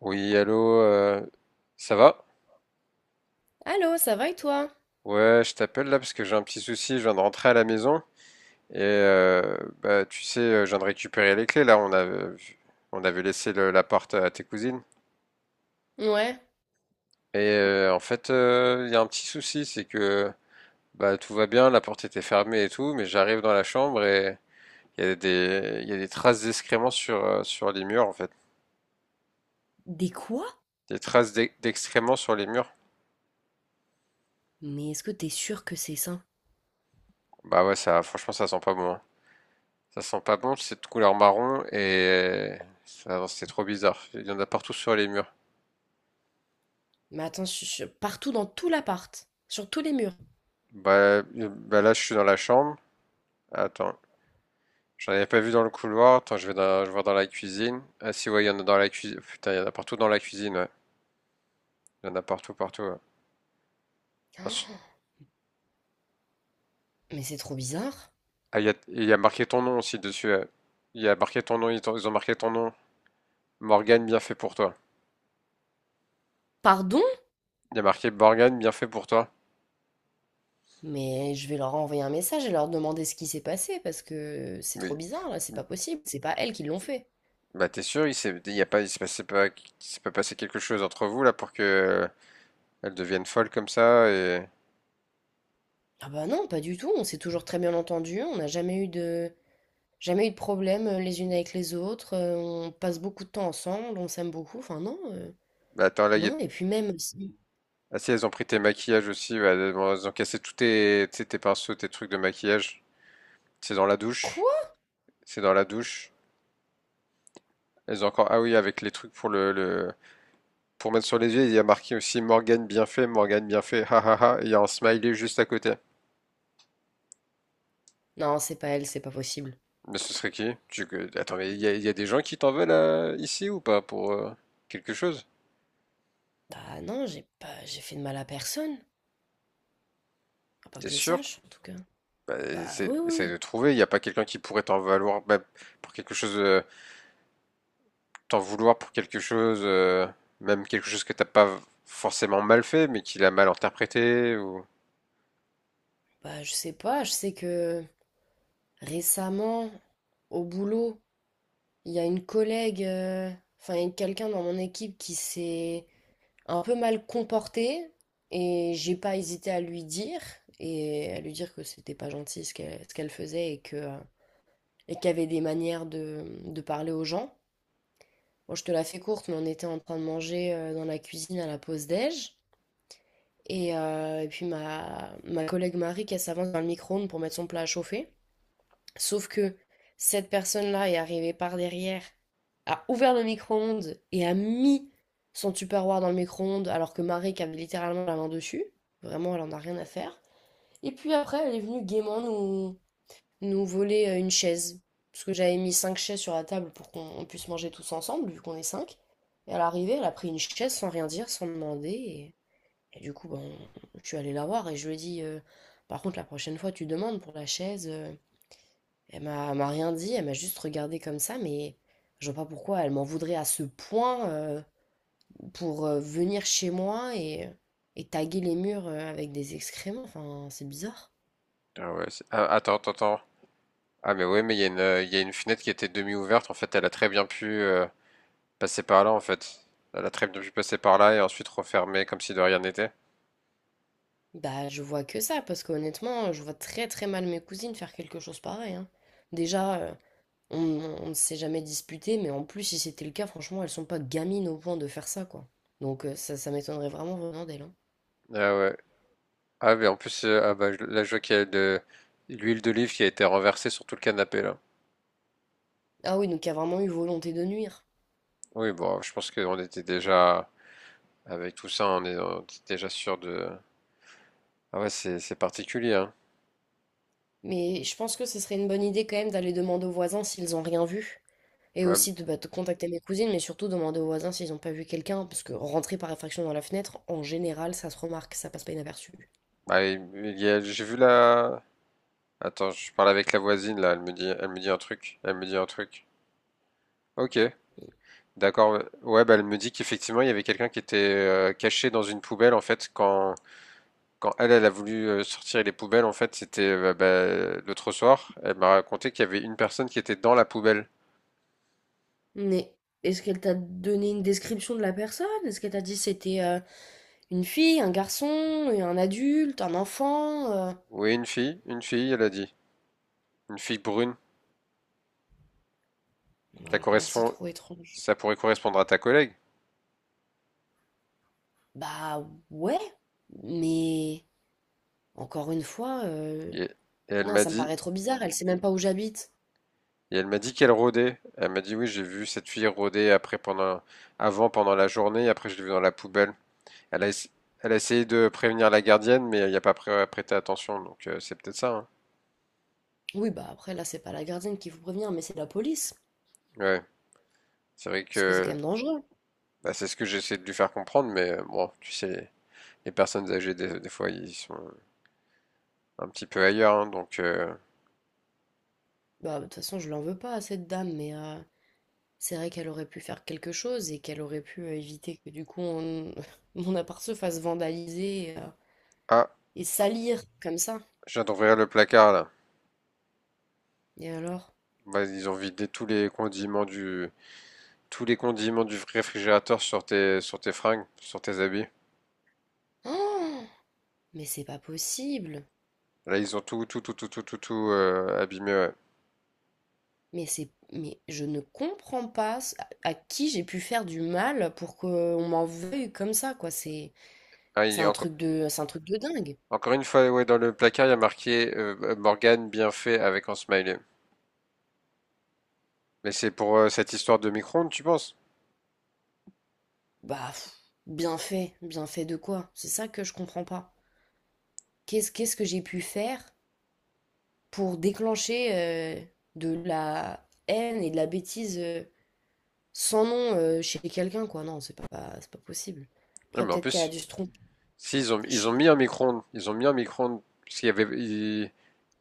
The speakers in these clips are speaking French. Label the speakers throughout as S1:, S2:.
S1: Oui, allô, ça va?
S2: Allô, ça va et toi?
S1: Ouais, je t'appelle là parce que j'ai un petit souci, je viens de rentrer à la maison et bah, tu sais, je viens de récupérer les clés là, on avait laissé la porte à tes cousines.
S2: Ouais.
S1: Et en fait, il y a un petit souci, c'est que bah, tout va bien, la porte était fermée et tout, mais j'arrive dans la chambre et il y a des traces d'excréments sur, sur les murs en fait.
S2: Des quoi?
S1: Des traces d'excréments sur les murs.
S2: Mais est-ce que t'es sûr que c'est ça?
S1: Bah ouais, ça, franchement, ça sent pas bon, hein. Ça sent pas bon, c'est de couleur marron et c'est trop bizarre. Il y en a partout sur les murs.
S2: Mais attends, partout dans tout l'appart, sur tous les murs.
S1: Bah là, je suis dans la chambre. Attends, j'en avais pas vu dans le couloir. Attends, je vois dans la cuisine. Ah si, ouais, il y en a dans la cuisine. Putain, il y en a partout dans la cuisine, ouais. Il y en a partout, partout, ouais.
S2: Mais c'est trop bizarre.
S1: Ah, il y a marqué ton nom aussi dessus, ouais. Il y a marqué ton nom, ils ont marqué ton nom. Morgane, bien fait pour toi.
S2: Pardon?
S1: Il y a marqué Morgane, bien fait pour toi.
S2: Mais je vais leur envoyer un message et leur demander ce qui s'est passé parce que c'est trop
S1: Mais
S2: bizarre là, c'est pas possible. C'est pas elles qui l'ont fait.
S1: bah t'es sûr, il s'est, il y a pas, il s'est passé pas, il s'est pas passé quelque chose entre vous là pour que elles deviennent folles comme ça? Et
S2: Ah bah non, pas du tout. On s'est toujours très bien entendus. On n'a jamais eu de, Jamais eu de problème les unes avec les autres. On passe beaucoup de temps ensemble. On s'aime beaucoup. Enfin non,
S1: bah, attends là,
S2: non. Et puis même si-
S1: ah si elles ont pris tes maquillages aussi, bah, elles ont cassé tous tes, tu sais, tes pinceaux, tes trucs de maquillage. C'est dans la douche,
S2: quoi?
S1: c'est dans la douche. Elles ont encore ah oui avec les trucs pour le- pour mettre sur les yeux, il y a marqué aussi Morgane bien fait, ha ha ha. Et il y a un smiley juste à côté.
S2: Non, c'est pas elle, c'est pas possible.
S1: Mais ce serait qui? Tu- Attends, mais il y a des gens qui t'en veulent ici ou pas pour quelque chose?
S2: Bah non, j'ai pas j'ai fait de mal à personne, à pas
S1: T'es
S2: que je
S1: sûr?
S2: sache en tout cas.
S1: Bah,
S2: Ah bah
S1: essaie,
S2: oui,
S1: essaie
S2: oui.
S1: de trouver. Il n'y a pas quelqu'un qui pourrait t'en valoir bah, pour quelque chose. T'en vouloir pour quelque chose, même quelque chose que t'as pas forcément mal fait, mais qu'il a mal interprété ou.
S2: Bah je sais pas, je sais que récemment au boulot, il y a une collègue enfin il y a quelqu'un dans mon équipe qui s'est un peu mal comporté et j'ai pas hésité à lui dire et à lui dire que c'était pas gentil ce qu'elle faisait et que et qu'il y avait des manières de parler aux gens. Bon, je te la fais courte, mais on était en train de manger dans la cuisine à la pause déj. Et puis ma collègue Marie qui s'avance dans le micro-ondes pour mettre son plat à chauffer. Sauf que cette personne-là est arrivée par derrière, a ouvert le micro-ondes et a mis son Tupperware dans le micro-ondes alors que Marie qui avait littéralement la main dessus. Vraiment, elle en a rien à faire. Et puis après, elle est venue gaiement nous, nous voler une chaise. Parce que j'avais mis 5 chaises sur la table pour qu'on puisse manger tous ensemble, vu qu'on est cinq. Et à l'arrivée, elle a pris une chaise sans rien dire, sans demander. Et du coup, ben, je suis allée la voir et je lui ai dit, par contre, la prochaine fois, tu demandes pour la chaise. Elle m'a rien dit, elle m'a juste regardée comme ça, mais je vois pas pourquoi elle m'en voudrait à ce point pour venir chez moi et taguer les murs avec des excréments. Enfin, c'est bizarre.
S1: Ah ouais, ah, attends, attends, attends. Ah mais ouais, mais il y a une, il y a une fenêtre qui était demi-ouverte. En fait, elle a très bien pu passer par là. En fait, elle a très bien pu passer par là et ensuite refermer comme si de rien n'était.
S2: Bah, je vois que ça, parce qu'honnêtement, je vois très très mal mes cousines faire quelque chose pareil, hein. Déjà, On, on ne s'est jamais disputé, mais en plus, si c'était le cas, franchement, elles sont pas gamines au point de faire ça, quoi. Donc ça, ça m'étonnerait vraiment venant d'elle, hein.
S1: Ah ouais. Ah mais en plus, bah, je- là je vois qu'il y a de l'huile d'olive qui a été renversée sur tout le canapé là.
S2: Ah oui, donc il y a vraiment eu volonté de nuire.
S1: Oui, bon, je pense qu'on était déjà avec tout ça, on était déjà sûr de. Ah ouais, c'est particulier. Hein.
S2: Mais je pense que ce serait une bonne idée quand même d'aller demander aux voisins s'ils ont rien vu. Et
S1: Ouais,
S2: aussi de contacter mes cousines, mais surtout demander aux voisins s'ils n'ont pas vu quelqu'un, hein, parce que rentrer par effraction dans la fenêtre, en général, ça se remarque, ça passe pas inaperçu.
S1: bah, il- j'ai vu la... Attends, je parle avec la voisine là, elle me dit un truc. Ok, d'accord. Ouais, bah elle me dit qu'effectivement il y avait quelqu'un qui était caché dans une poubelle en fait quand elle, elle a voulu sortir les poubelles en fait c'était bah, l'autre soir. Elle m'a raconté qu'il y avait une personne qui était dans la poubelle.
S2: Mais est-ce qu'elle t'a donné une description de la personne? Est-ce qu'elle t'a dit c'était... une fille, un garçon, un adulte, un enfant,
S1: Oui, une fille, elle a dit, une fille brune.
S2: Bah,
S1: Ça
S2: alors là, c'est
S1: correspond,
S2: trop étrange.
S1: ça pourrait correspondre à ta collègue.
S2: Bah ouais, mais encore une fois,
S1: Et, et elle
S2: non,
S1: m'a
S2: ça me
S1: dit,
S2: paraît trop bizarre, elle sait même pas où j'habite.
S1: Et elle m'a dit qu'elle rôdait. Elle m'a dit oui, j'ai vu cette fille rôder après pendant avant pendant la journée, après je l'ai vue dans la poubelle. Elle a, ess- elle a essayé de prévenir la gardienne, mais il n'y a pas pré- prêté attention, donc c'est peut-être ça, hein.
S2: Oui, bah après, là, c'est pas la gardienne qui vous prévient, mais c'est la police.
S1: Ouais, c'est vrai
S2: Parce que c'est quand
S1: que
S2: même dangereux.
S1: bah, c'est ce que j'essaie de lui faire comprendre, mais bon, tu sais, les personnes âgées des fois ils sont un petit peu ailleurs, hein, donc
S2: Bah, de toute façon, je l'en veux pas à cette dame, mais c'est vrai qu'elle aurait pu faire quelque chose et qu'elle aurait pu éviter que du coup on- mon appart se fasse vandaliser
S1: ah,
S2: et salir comme ça.
S1: je viens d'ouvrir le placard là.
S2: Et alors?
S1: Bah, ils ont vidé tous les condiments du réfrigérateur sur tes fringues, sur tes habits.
S2: Oh, mais c'est pas possible.
S1: Là, ils ont tout, abîmé, ouais.
S2: Mais je ne comprends pas ce- à qui j'ai pu faire du mal pour qu'on m'en veuille comme ça, quoi.
S1: Ah,
S2: C'est un truc de, c'est un truc de dingue.
S1: encore une fois, ouais, dans le placard, il y a marqué Morgane bien fait avec un smiley. Mais c'est pour cette histoire de micro-ondes, tu penses?
S2: Bah, pff, bien fait de quoi? C'est ça que je comprends pas. Qu'est-ce que j'ai pu faire pour déclencher de la haine et de la bêtise sans nom chez quelqu'un, quoi? C'est pas possible.
S1: Non,
S2: Après,
S1: mais en
S2: peut-être qu'elle a
S1: plus,
S2: dû se tromper.
S1: si
S2: Je
S1: ils
S2: sais
S1: ont mis
S2: pas.
S1: un micro-ondes, ils ont mis un micro-ondes, parce qu'il y avait,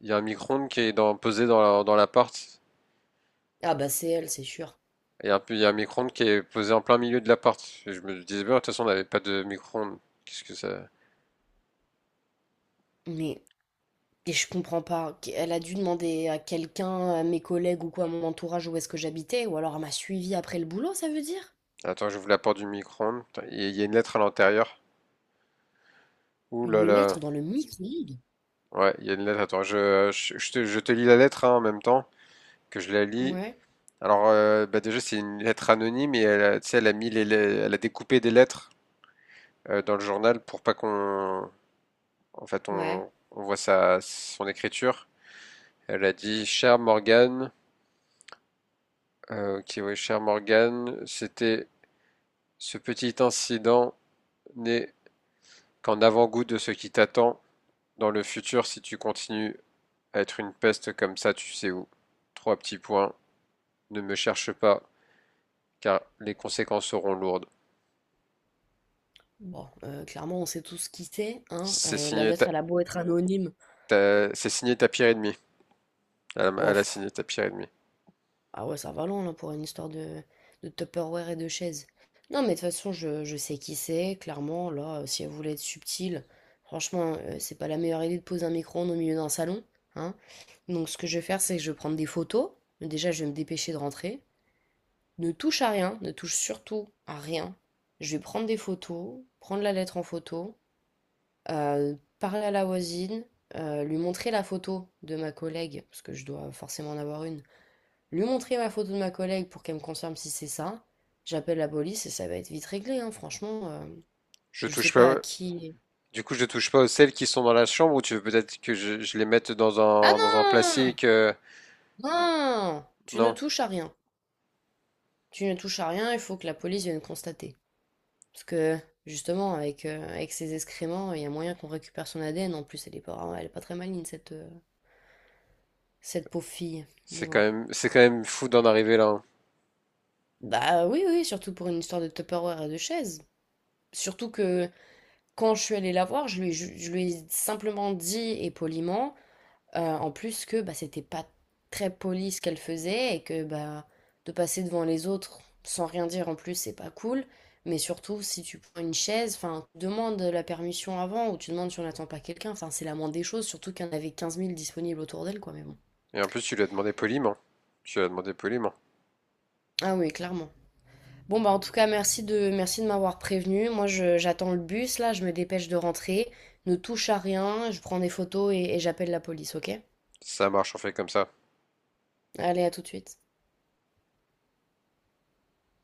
S1: il y a un micro-ondes qui est posé dans l'appart.
S2: Ah bah c'est elle, c'est sûr.
S1: Et un, peu- il y a un micro-ondes qui est posé en plein milieu de l'appart. Et je me disais, bien, de toute façon, on n'avait pas de micro-ondes. Qu'est-ce que ça?
S2: Mais et je comprends pas. Elle a dû demander à quelqu'un, à mes collègues ou quoi, à mon entourage où est-ce que j'habitais, ou alors elle m'a suivi après le boulot, ça veut dire?
S1: Attends, j'ouvre la porte du micro-ondes. Putain, il y a une lettre à l'intérieur. Ouh là
S2: Une lettre
S1: là.
S2: dans le micro-ondes?
S1: Ouais, il y a une lettre. Attends, je te lis la lettre hein, en même temps que je la lis.
S2: Ouais,
S1: Alors, bah déjà, c'est une lettre anonyme et tu sais, elle a mis elle a découpé des lettres dans le journal pour pas qu'on, en fait,
S2: ouais.
S1: on voit sa, son écriture. Elle a dit, cher Morgan, ok, ouais, cher Morgan, c'était ce petit incident n'est qu'en avant-goût de ce qui t'attend dans le futur si tu continues à être une peste comme ça, tu sais où. Trois petits points. Ne me cherche pas, car les conséquences seront lourdes.
S2: Bon, clairement, on sait tous qui c'est, hein.
S1: C'est
S2: La
S1: signé,
S2: lettre, elle a beau être anonyme.
S1: c'est signé Tapir et demi.
S2: Oh,
S1: Elle a
S2: pff,
S1: signé Tapir et demi.
S2: ah ouais, ça va loin là pour une histoire de Tupperware et de chaise. Non, mais de toute façon, je sais qui c'est, clairement. Là, si elle voulait être subtile, franchement, c'est pas la meilleure idée de poser un micro-ondes au milieu d'un salon. Hein. Donc, ce que je vais faire, c'est que je vais prendre des photos. Déjà, je vais me dépêcher de rentrer. Ne touche à rien, ne touche surtout à rien. Je vais prendre des photos, prendre la lettre en photo, parler à la voisine, lui montrer la photo de ma collègue, parce que je dois forcément en avoir une lui montrer ma photo de ma collègue pour qu'elle me confirme si c'est ça. J'appelle la police et ça va être vite réglé, hein, franchement.
S1: Je
S2: Je sais
S1: touche
S2: pas
S1: pas.
S2: à qui.
S1: Du coup, je touche pas aux celles qui sont dans la chambre, ou tu veux peut-être que je les mette
S2: Ah
S1: dans un
S2: non!
S1: plastique?
S2: Non! Tu ne
S1: Non,
S2: touches à rien. Tu ne touches à rien, il faut que la police vienne constater. Parce que, justement, avec, avec ses excréments, il y a moyen qu'on récupère son ADN. En plus, elle est pas très maligne, cette pauvre fille. Mais bon.
S1: c'est quand même fou d'en arriver là, hein.
S2: Bah oui, oui, surtout pour une histoire de Tupperware et de chaise. Surtout que quand je suis allée la voir, je lui ai simplement dit et poliment. En plus que bah, c'était pas très poli ce qu'elle faisait et que bah, de passer devant les autres sans rien dire en plus, c'est pas cool. Mais surtout, si tu prends une chaise, enfin, tu demandes la permission avant ou tu demandes si on n'attend pas quelqu'un. Enfin, c'est la moindre des choses, surtout qu'il y en avait 15 000 disponibles autour d'elle, quoi. Mais bon.
S1: Et en plus, tu lui as demandé poliment. Tu lui as demandé poliment.
S2: Ah oui, clairement. Bon, bah, en tout cas, merci de m'avoir prévenu. Moi, j'attends le bus, là, je me dépêche de rentrer. Ne touche à rien, je prends des photos et j'appelle la police, ok?
S1: Ça marche, on fait comme ça.
S2: Allez, à tout de suite.